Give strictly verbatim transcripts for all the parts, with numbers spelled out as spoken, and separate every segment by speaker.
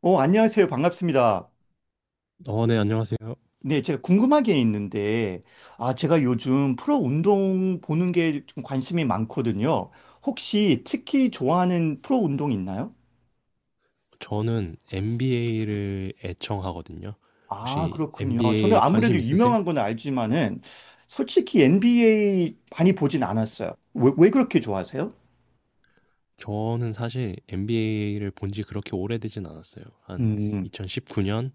Speaker 1: 어, 안녕하세요. 반갑습니다.
Speaker 2: 어, 네, 안녕하세요.
Speaker 1: 네, 제가 궁금한 게 있는데, 아, 제가 요즘 프로 운동 보는 게 좀 관심이 많거든요. 혹시 특히 좋아하는 프로 운동 있나요?
Speaker 2: 저는 엔비에이를 애청하거든요.
Speaker 1: 아,
Speaker 2: 혹시
Speaker 1: 그렇군요. 저는
Speaker 2: 엔비에이
Speaker 1: 아무래도
Speaker 2: 관심 있으세요?
Speaker 1: 유명한 건 알지만은, 솔직히 엔비에이 많이 보진 않았어요. 왜, 왜 그렇게 좋아하세요?
Speaker 2: 저는 사실 엔비에이를 본지 그렇게 오래되진 않았어요. 한
Speaker 1: 음.
Speaker 2: 이천십구 년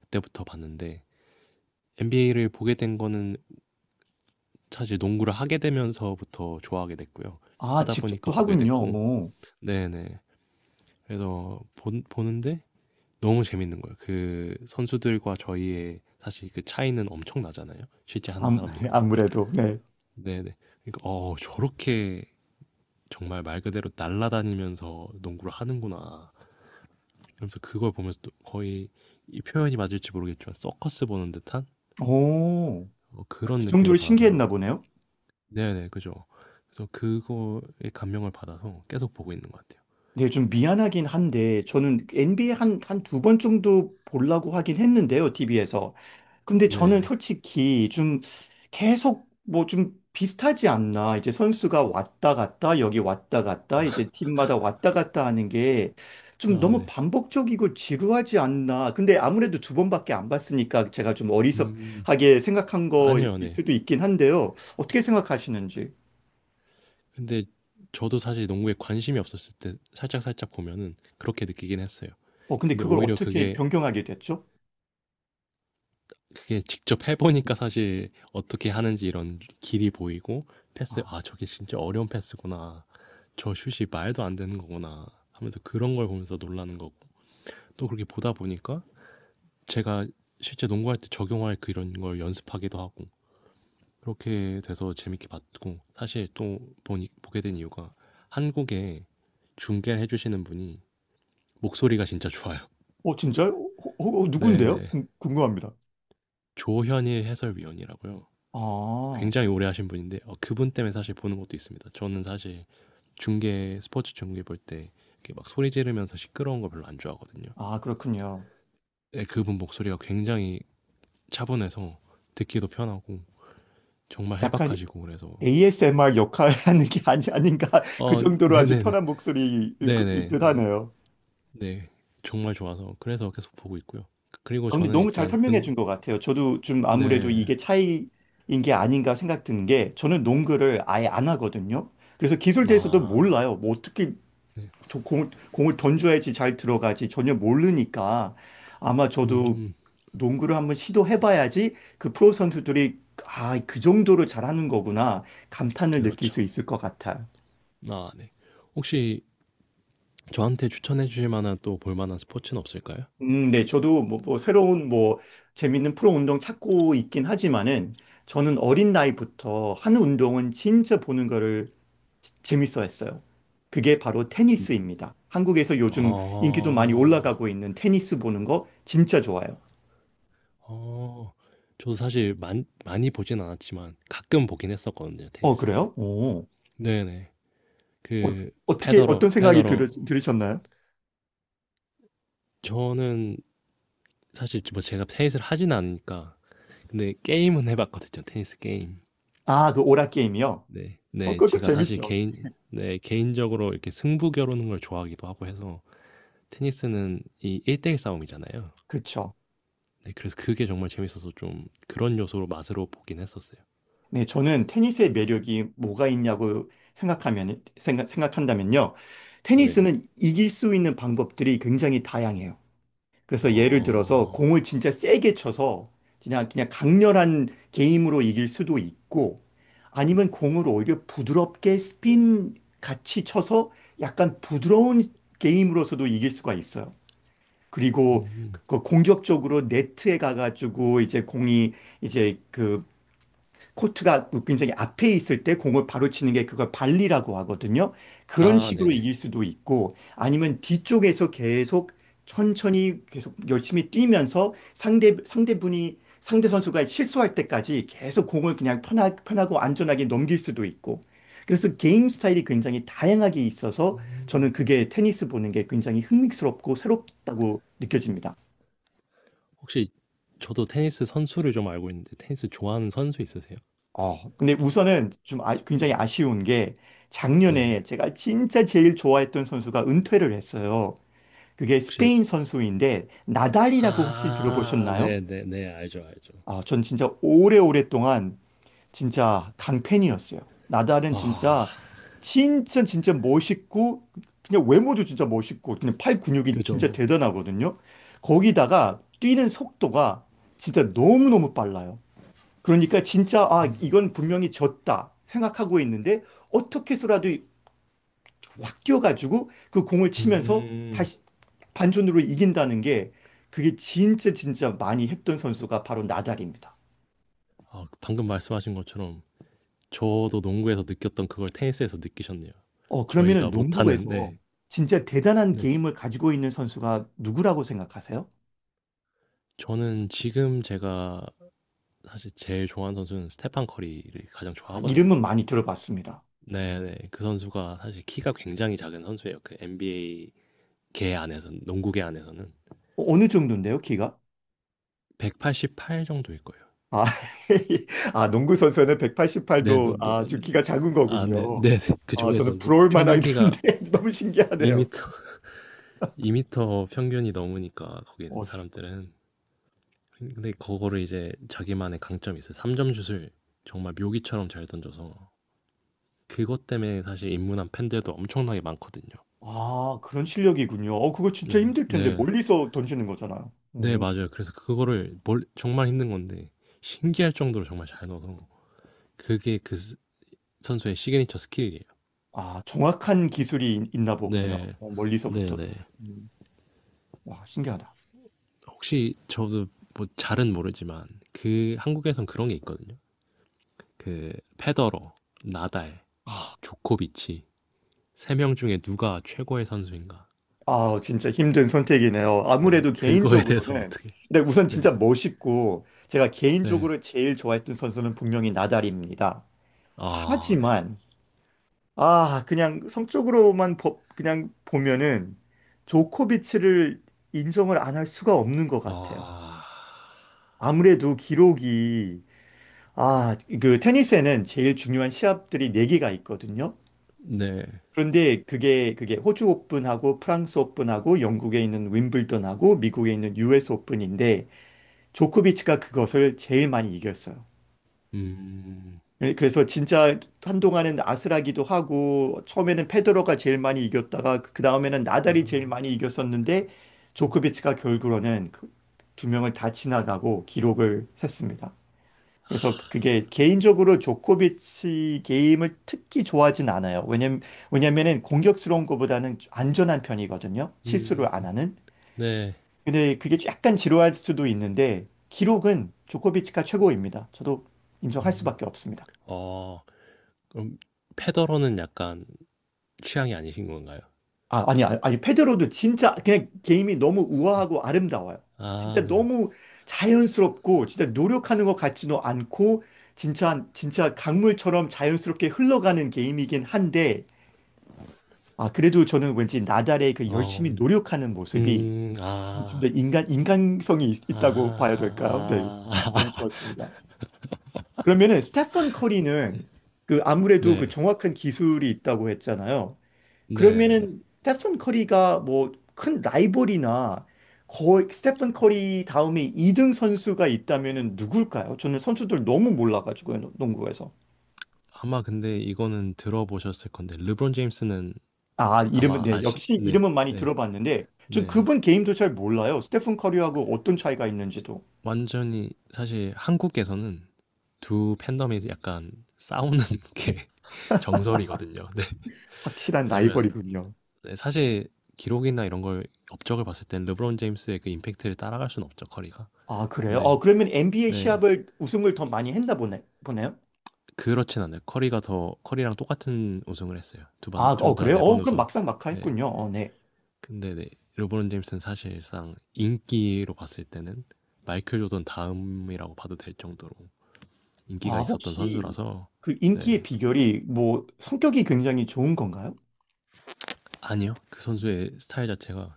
Speaker 2: 그때부터 봤는데 엔비에이를 보게 된 거는 사실 농구를 하게 되면서부터 좋아하게 됐고요.
Speaker 1: 아,
Speaker 2: 하다 보니까
Speaker 1: 직접도
Speaker 2: 보게
Speaker 1: 하군요.
Speaker 2: 됐고,
Speaker 1: 오,
Speaker 2: 네네. 그래서 본- 보는데 너무 재밌는 거예요. 그 선수들과 저희의 사실 그 차이는 엄청 나잖아요. 실제
Speaker 1: 아,
Speaker 2: 하는 사람들과.
Speaker 1: 아무래도, 네.
Speaker 2: 네네. 그러니까 어 저렇게 정말 말 그대로 날아다니면서 농구를 하는구나. 그러면서 그걸 보면서 또 거의 이 표현이 맞을지 모르겠지만 서커스 보는 듯한
Speaker 1: 오,
Speaker 2: 어, 그런
Speaker 1: 그
Speaker 2: 느낌을
Speaker 1: 정도로
Speaker 2: 받아서
Speaker 1: 신기했나 보네요.
Speaker 2: 네네 그죠. 그래서 그거에 감명을 받아서 계속 보고 있는 것 같아요.
Speaker 1: 네, 좀 미안하긴 한데, 저는 엔비에이 한, 한 두 번 정도 보려고 하긴 했는데요, 티비에서. 근데 저는
Speaker 2: 네.
Speaker 1: 솔직히 좀 계속 뭐 좀 비슷하지 않나. 이제 선수가 왔다 갔다, 여기 왔다 갔다, 이제 팀마다 왔다 갔다 하는 게 좀
Speaker 2: 아,
Speaker 1: 너무
Speaker 2: 네.
Speaker 1: 반복적이고 지루하지 않나. 근데 아무래도 두 번밖에 안 봤으니까 제가 좀
Speaker 2: 음
Speaker 1: 어리석하게 생각한
Speaker 2: 아니요,
Speaker 1: 거일
Speaker 2: 네.
Speaker 1: 수도 있긴 한데요. 어떻게 생각하시는지.
Speaker 2: 근데 저도 사실 농구에 관심이 없었을 때 살짝 살짝 보면은 그렇게 느끼긴 했어요.
Speaker 1: 어, 근데
Speaker 2: 근데
Speaker 1: 그걸
Speaker 2: 오히려
Speaker 1: 어떻게
Speaker 2: 그게
Speaker 1: 변경하게 됐죠?
Speaker 2: 그게 직접 해보니까 사실 어떻게 하는지 이런 길이 보이고 패스,
Speaker 1: 아.
Speaker 2: 아, 저게 진짜 어려운 패스구나. 저 슛이 말도 안 되는 거구나. 하면서 그런 걸 보면서 놀라는 거고. 또 그렇게 보다 보니까 제가 실제 농구할 때 적용할 그런 걸 연습하기도 하고. 그렇게 돼서 재밌게 봤고. 사실 또 보니, 보게 된 이유가 한국에 중계를 해주시는 분이 목소리가 진짜 좋아요.
Speaker 1: 어, 진짜요? 어, 어, 어, 누군데요?
Speaker 2: 네네.
Speaker 1: 궁, 궁금합니다.
Speaker 2: 조현일 해설위원이라고요.
Speaker 1: 아,
Speaker 2: 굉장히 오래 하신 분인데 어, 그분 때문에 사실 보는 것도 있습니다. 저는 사실 중계 스포츠 중계 볼 때 이렇게 막 소리 지르면서 시끄러운 거 별로 안 좋아하거든요.
Speaker 1: 아, 그렇군요.
Speaker 2: 네, 그분 목소리가 굉장히 차분해서 듣기도 편하고 정말
Speaker 1: 약간
Speaker 2: 해박하시고 그래서
Speaker 1: 에이에스엠알 역할 하는 게 아니, 아닌가. 그
Speaker 2: 어
Speaker 1: 정도로 아주
Speaker 2: 네네네
Speaker 1: 편한 목소리일 것-
Speaker 2: 네네네
Speaker 1: 일듯
Speaker 2: 네
Speaker 1: 하네요.
Speaker 2: 네, 정말 좋아서 그래서 계속 보고 있고요. 그리고
Speaker 1: 아, 근데
Speaker 2: 저는
Speaker 1: 너무 잘
Speaker 2: 일단
Speaker 1: 설명해 준 것 같아요. 저도 좀 아무래도
Speaker 2: 응네아네음
Speaker 1: 이게 차이인 게 아닌가 생각 드는 게 저는 농구를 아예 안 하거든요. 그래서 기술에 대해서도 몰라요. 뭐 어떻게 저 공, 공을 던져야지 잘 들어가지 전혀 모르니까 아마 저도 농구를 한번 시도해봐야지 그 프로 선수들이 아, 그 정도로 잘하는 거구나 감탄을 느낄
Speaker 2: 그렇죠
Speaker 1: 수 있을 것 같아요.
Speaker 2: 아네 혹시 저한테 추천해 주실 만한 또 볼 만한 스포츠는 없을까요?
Speaker 1: 음, 네, 저도 뭐, 뭐 새로운 뭐 재밌는 프로 운동 찾고 있긴 하지만은 저는 어린 나이부터 한 운동은 진짜 보는 거를 재밌어 했어요. 그게 바로
Speaker 2: 음,
Speaker 1: 테니스입니다. 한국에서 요즘 인기도 많이
Speaker 2: 아.
Speaker 1: 올라가고 있는 테니스 보는 거 진짜 좋아요.
Speaker 2: 어. 저도 사실 많 많이 보진 않았지만 가끔 보긴 했었거든요,
Speaker 1: 어,
Speaker 2: 테니스를.
Speaker 1: 그래요? 오.
Speaker 2: 네네.
Speaker 1: 어,
Speaker 2: 그
Speaker 1: 어떻게
Speaker 2: 페더러
Speaker 1: 어떤 생각이
Speaker 2: 페더러
Speaker 1: 들, 들으셨나요?
Speaker 2: 저는 사실 뭐 제가 테니스를 하진 않으니까 근데 게임은 해 봤거든요, 테니스 게임.
Speaker 1: 아, 그 오락 게임이요?
Speaker 2: 네.
Speaker 1: 어,
Speaker 2: 네.
Speaker 1: 그것도
Speaker 2: 제가 사실
Speaker 1: 재밌죠.
Speaker 2: 개인 네, 개인적으로 이렇게 승부 겨루는 걸 좋아하기도 하고 해서 테니스는 이 일 대일 싸움이잖아요.
Speaker 1: 그쵸.
Speaker 2: 네, 그래서 그게 정말 재밌어서 좀 그런 요소로 맛으로 보긴 했었어요.
Speaker 1: 네, 저는 테니스의 매력이 뭐가 있냐고 생각하면, 생각, 생각한다면요.
Speaker 2: 네.
Speaker 1: 테니스는 이길 수 있는 방법들이 굉장히 다양해요. 그래서 예를 들어서 공을
Speaker 2: 어.
Speaker 1: 진짜 세게 쳐서 그냥, 그냥 강렬한 게임으로 이길 수도 있고 아니면 공을 오히려 부드럽게 스핀 같이 쳐서 약간 부드러운 게임으로서도 이길 수가 있어요. 그리고
Speaker 2: 음.
Speaker 1: 그 공격적으로 네트에 가가지고 이제 공이 이제 그 코트가 굉장히 앞에 있을 때 공을 바로 치는 게 그걸 발리라고 하거든요. 그런
Speaker 2: 아,
Speaker 1: 식으로
Speaker 2: 네네.
Speaker 1: 이길 수도 있고 아니면 뒤쪽에서 계속 천천히 계속 열심히 뛰면서 상대 상대분이 상대 선수가 실수할 때까지 계속 공을 그냥 편하, 편하고 안전하게 넘길 수도 있고 그래서 게임 스타일이 굉장히 다양하게 있어서 저는
Speaker 2: 음.
Speaker 1: 그게 테니스 보는 게 굉장히 흥미스럽고 새롭다고 느껴집니다.
Speaker 2: 혹시 저도 테니스 선수를 좀 알고 있는데 테니스 좋아하는 선수 있으세요?
Speaker 1: 어, 근데 우선은 좀 아- 굉장히
Speaker 2: 네.
Speaker 1: 아쉬운 게
Speaker 2: 네.
Speaker 1: 작년에 제가 진짜 제일 좋아했던 선수가 은퇴를 했어요. 그게
Speaker 2: 혹시
Speaker 1: 스페인 선수인데 나달이라고 혹시
Speaker 2: 아,
Speaker 1: 들어보셨나요?
Speaker 2: 네네네. 알죠, 알죠.
Speaker 1: 아, 전 진짜 오래오랫동안 진짜 강팬이었어요. 나달은
Speaker 2: 아.
Speaker 1: 진짜 진짜 진짜 멋있고 그냥 외모도 진짜 멋있고 그냥 팔 근육이 진짜
Speaker 2: 그죠.
Speaker 1: 대단하거든요. 거기다가 뛰는 속도가 진짜 너무너무 빨라요. 그러니까 진짜 아 이건 분명히 졌다 생각하고 있는데 어떻게 해서라도 확 뛰어가지고 그 공을 치면서
Speaker 2: 음.
Speaker 1: 다시 반전으로 이긴다는 게 그게 진짜 진짜 많이 했던 선수가 바로 나달입니다.
Speaker 2: 아, 방금 말씀하신 것처럼 저도 농구에서 느꼈던 그걸 테니스에서 느끼셨네요.
Speaker 1: 어 그러면은
Speaker 2: 저희가 못하는
Speaker 1: 농구에서
Speaker 2: 네.
Speaker 1: 진짜 대단한
Speaker 2: 네.
Speaker 1: 게임을 가지고 있는 선수가 누구라고 생각하세요?
Speaker 2: 저는 지금 제가 사실 제일 좋아하는 선수는 스테판 커리를 가장
Speaker 1: 아,
Speaker 2: 좋아하거든요.
Speaker 1: 이름은 많이 들어봤습니다.
Speaker 2: 네네. 그 선수가 사실 키가 굉장히 작은 선수예요. 그 엔비에이 개 안에서 농구계 안에서는
Speaker 1: 어, 어느 정도인데요, 키가?
Speaker 2: 백팔십팔 정도일 거예요.
Speaker 1: 아, 아, 농구 선수는
Speaker 2: 네, 너,
Speaker 1: 백팔십팔도
Speaker 2: 너,
Speaker 1: 아주 키가 작은
Speaker 2: 아,
Speaker 1: 거군요.
Speaker 2: 네, 네. 네. 그
Speaker 1: 아,
Speaker 2: 중에서
Speaker 1: 저는
Speaker 2: 뭐
Speaker 1: 부러울
Speaker 2: 평균
Speaker 1: 만하긴
Speaker 2: 키가
Speaker 1: 한데 너무 신기하네요.
Speaker 2: 이 미터, 이 미터 평균이 넘으니까 거기
Speaker 1: 어,
Speaker 2: 사람들은 근데 그거를 이제 자기만의 강점이 있어요. 삼 점 슛을 정말 묘기처럼 잘 던져서 그것 때문에 사실 입문한 팬들도 엄청나게 많거든요.
Speaker 1: 아, 그런 실력이군요. 어, 그거 진짜
Speaker 2: 네,
Speaker 1: 힘들 텐데
Speaker 2: 네,
Speaker 1: 멀리서 던지는 거잖아요.
Speaker 2: 네,
Speaker 1: 음,
Speaker 2: 맞아요. 그래서 그거를 멀- 정말 힘든 건데 신기할 정도로 정말 잘 넣어서 그게 그 선수의 시그니처 스킬이에요.
Speaker 1: 아, 정확한 기술이 있- 있나 보군요.
Speaker 2: 네.
Speaker 1: 어, 멀리서부터.
Speaker 2: 네네.
Speaker 1: 음, 와, 신기하다.
Speaker 2: 혹시 저도 뭐 잘은 모르지만 그 한국에선 그런 게 있거든요. 그 페더러, 나달, 조코비치 세명 중에 누가 최고의 선수인가?
Speaker 1: 아, 진짜 힘든 선택이네요.
Speaker 2: 네.
Speaker 1: 아무래도
Speaker 2: 그거에 대해서
Speaker 1: 개인적으로는
Speaker 2: 어떻게?
Speaker 1: 근데 우선
Speaker 2: 네.
Speaker 1: 진짜 멋있고 제가
Speaker 2: 네.
Speaker 1: 개인적으로 제일 좋아했던 선수는 분명히 나달입니다.
Speaker 2: 아, 네.
Speaker 1: 하지만 아, 그냥 성적으로만 보- 그냥 보면은 조코비치를 인정을 안 할 수가 없는 것 같아요.
Speaker 2: 아.
Speaker 1: 아무래도 기록이 아, 그 테니스에는 제일 중요한 시합들이 네 개가 있거든요.
Speaker 2: 네.
Speaker 1: 그런데 그게 그게 호주 오픈하고 프랑스 오픈하고 영국에 있는 윈블던하고 미국에 있는 유에스 오픈인데 조코비치가 그것을 제일 많이 이겼어요.
Speaker 2: 음.
Speaker 1: 예, 그래서 진짜 한동안은 아슬하기도 하고 처음에는 페데러가 제일 많이 이겼다가 그 그 다음에는
Speaker 2: 아.
Speaker 1: 나달이 제일 많이 이겼었는데
Speaker 2: 음.
Speaker 1: 조코비치가 결국으로는 그두 명을 다 지나가고 기록을 셌습니다. 그래서 그게 개인적으로 조코비치 게임을 특히 좋아하진 않아요. 왜냐면 왜냐면은 공격스러운 것보다는 안전한 편이거든요. 실수를 안
Speaker 2: 음.
Speaker 1: 하는.
Speaker 2: 네.
Speaker 1: 근데 그게 약간 지루할 수도 있는데 기록은 조코비치가 최고입니다. 저도 인정할
Speaker 2: 음.
Speaker 1: 수밖에 없습니다.
Speaker 2: 어. 그럼 페더러는 약간 취향이 아니신 건가요?
Speaker 1: 아, 아니, 아니, 아니, 페드로도 진짜 그냥 게임이 너무 우아하고 아름다워요.
Speaker 2: 아,
Speaker 1: 진짜
Speaker 2: 그죠.
Speaker 1: 너무 자연스럽고, 진짜 노력하는 것 같지도 않고, 진짜, 진짜 강물처럼 자연스럽게 흘러가는 게임이긴 한데, 아, 그래도 저는 왠지 나달의 그 열심히
Speaker 2: 어,
Speaker 1: 노력하는 모습이
Speaker 2: 음.
Speaker 1: 좀 더
Speaker 2: 아.
Speaker 1: 인간, 인간성이
Speaker 2: 아.
Speaker 1: 있, 다고 봐야 될까요? 네. 저- 너무
Speaker 2: 아.
Speaker 1: 좋았습니다. 그러면은, 스테판 커리는 그 아무래도 그
Speaker 2: 네.
Speaker 1: 정확한 기술이 있다고 했잖아요.
Speaker 2: 네네.
Speaker 1: 그러면은 스테픈 커리가 뭐 큰 라이벌이나 거의 스테픈 커리 다음에 이등 선수가 있다면은 누굴까요? 저는 선수들 너무 몰라가지고요, 농구에서.
Speaker 2: 아마 근데 이거는 들어보셨을 건데 르브론 제임스는
Speaker 1: 아, 이름은,
Speaker 2: 아마
Speaker 1: 네,
Speaker 2: 아시
Speaker 1: 역시
Speaker 2: 네.
Speaker 1: 이름은 많이
Speaker 2: 네.
Speaker 1: 들어봤는데, 전
Speaker 2: 네.
Speaker 1: 그분 게임도 잘 몰라요. 스테픈 커리하고 어떤 차이가 있는지도.
Speaker 2: 완전히 사실 한국에서는 두 팬덤이 약간 싸우는 게 정설이거든요. 네.
Speaker 1: 확실한
Speaker 2: 왜냐면
Speaker 1: 라이벌이군요.
Speaker 2: 네 사실 기록이나 이런 걸 업적을 봤을 땐 르브론 제임스의 그 임팩트를 따라갈 수는 없죠, 커리가.
Speaker 1: 아, 그래요? 어,
Speaker 2: 근데
Speaker 1: 그러면 엔비에이
Speaker 2: 네.
Speaker 1: 시합을 우승을 더 많이 했나 보네, 보네요?
Speaker 2: 그렇진 않아요. 커리가 더 커리랑 똑같은 우승을 했어요. 두
Speaker 1: 아,
Speaker 2: 번,
Speaker 1: 어,
Speaker 2: 둘 다
Speaker 1: 그래요?
Speaker 2: 네
Speaker 1: 어,
Speaker 2: 번
Speaker 1: 그럼
Speaker 2: 우승.
Speaker 1: 막상 막하
Speaker 2: 네.
Speaker 1: 했군요. 어, 네.
Speaker 2: 근데 네, 르브론 제임스는 사실상 인기로 봤을 때는 마이클 조던 다음이라고 봐도 될 정도로 인기가
Speaker 1: 아,
Speaker 2: 있었던
Speaker 1: 혹시
Speaker 2: 선수라서
Speaker 1: 그
Speaker 2: 네.
Speaker 1: 인기의 비결이 뭐 성격이 굉장히 좋은 건가요?
Speaker 2: 아니요. 그 선수의 스타일 자체가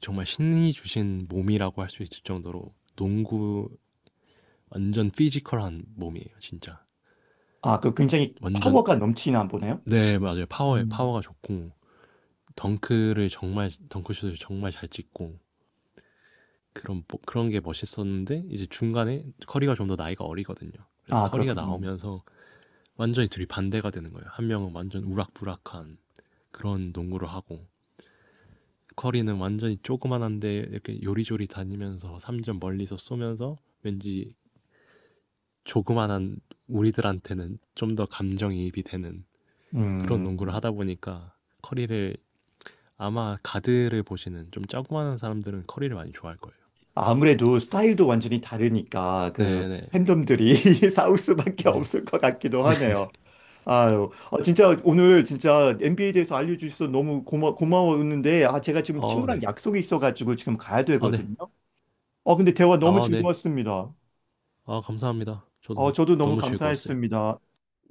Speaker 2: 정말 신이 주신 몸이라고 할 수 있을 정도로 농구 완전 피지컬한 몸이에요, 진짜.
Speaker 1: 아, 그 굉장히
Speaker 2: 완전
Speaker 1: 파워가 넘치나 보네요?
Speaker 2: 네, 맞아요. 파워에
Speaker 1: 음.
Speaker 2: 파워가 좋고 덩크를 정말 덩크슛을 정말 잘 찍고 그런 뭐- 그런 게 멋있었는데 이제 중간에 커리가 좀 더 나이가 어리거든요. 그래서
Speaker 1: 아,
Speaker 2: 커리가
Speaker 1: 그렇군요.
Speaker 2: 나오면서 완전히 둘이 반대가 되는 거예요. 한 명은 완전 우락부락한 그런 농구를 하고 커리는 완전히 조그만한데 이렇게 요리조리 다니면서 삼점 멀리서 쏘면서 왠지 조그만한 우리들한테는 좀 더 감정이입이 되는 그런 농구를
Speaker 1: 음.
Speaker 2: 하다 보니까 커리를 아마 가드를 보시는 좀 조그만한 사람들은 커리를 많이 좋아할 거예요.
Speaker 1: 아무래도 스타일도 완전히 다르니까 그
Speaker 2: 네네.
Speaker 1: 팬덤들이 싸울 수밖에
Speaker 2: 네.
Speaker 1: 없을 것 같기도 하네요. 아유, 어, 진짜 오늘 진짜 엔비에이에 대해서 알려주셔서 너무 고마, 고마웠는데, 아, 제가 지금
Speaker 2: 어,
Speaker 1: 친구랑
Speaker 2: 네.
Speaker 1: 약속이 있어가지고 지금 가야
Speaker 2: 아, 네.
Speaker 1: 되거든요. 어, 근데 대화 너무
Speaker 2: 아, 네.
Speaker 1: 즐거웠습니다.
Speaker 2: 아, 감사합니다.
Speaker 1: 어,
Speaker 2: 저도
Speaker 1: 저도 너무
Speaker 2: 너무 즐거웠어요.
Speaker 1: 감사했습니다.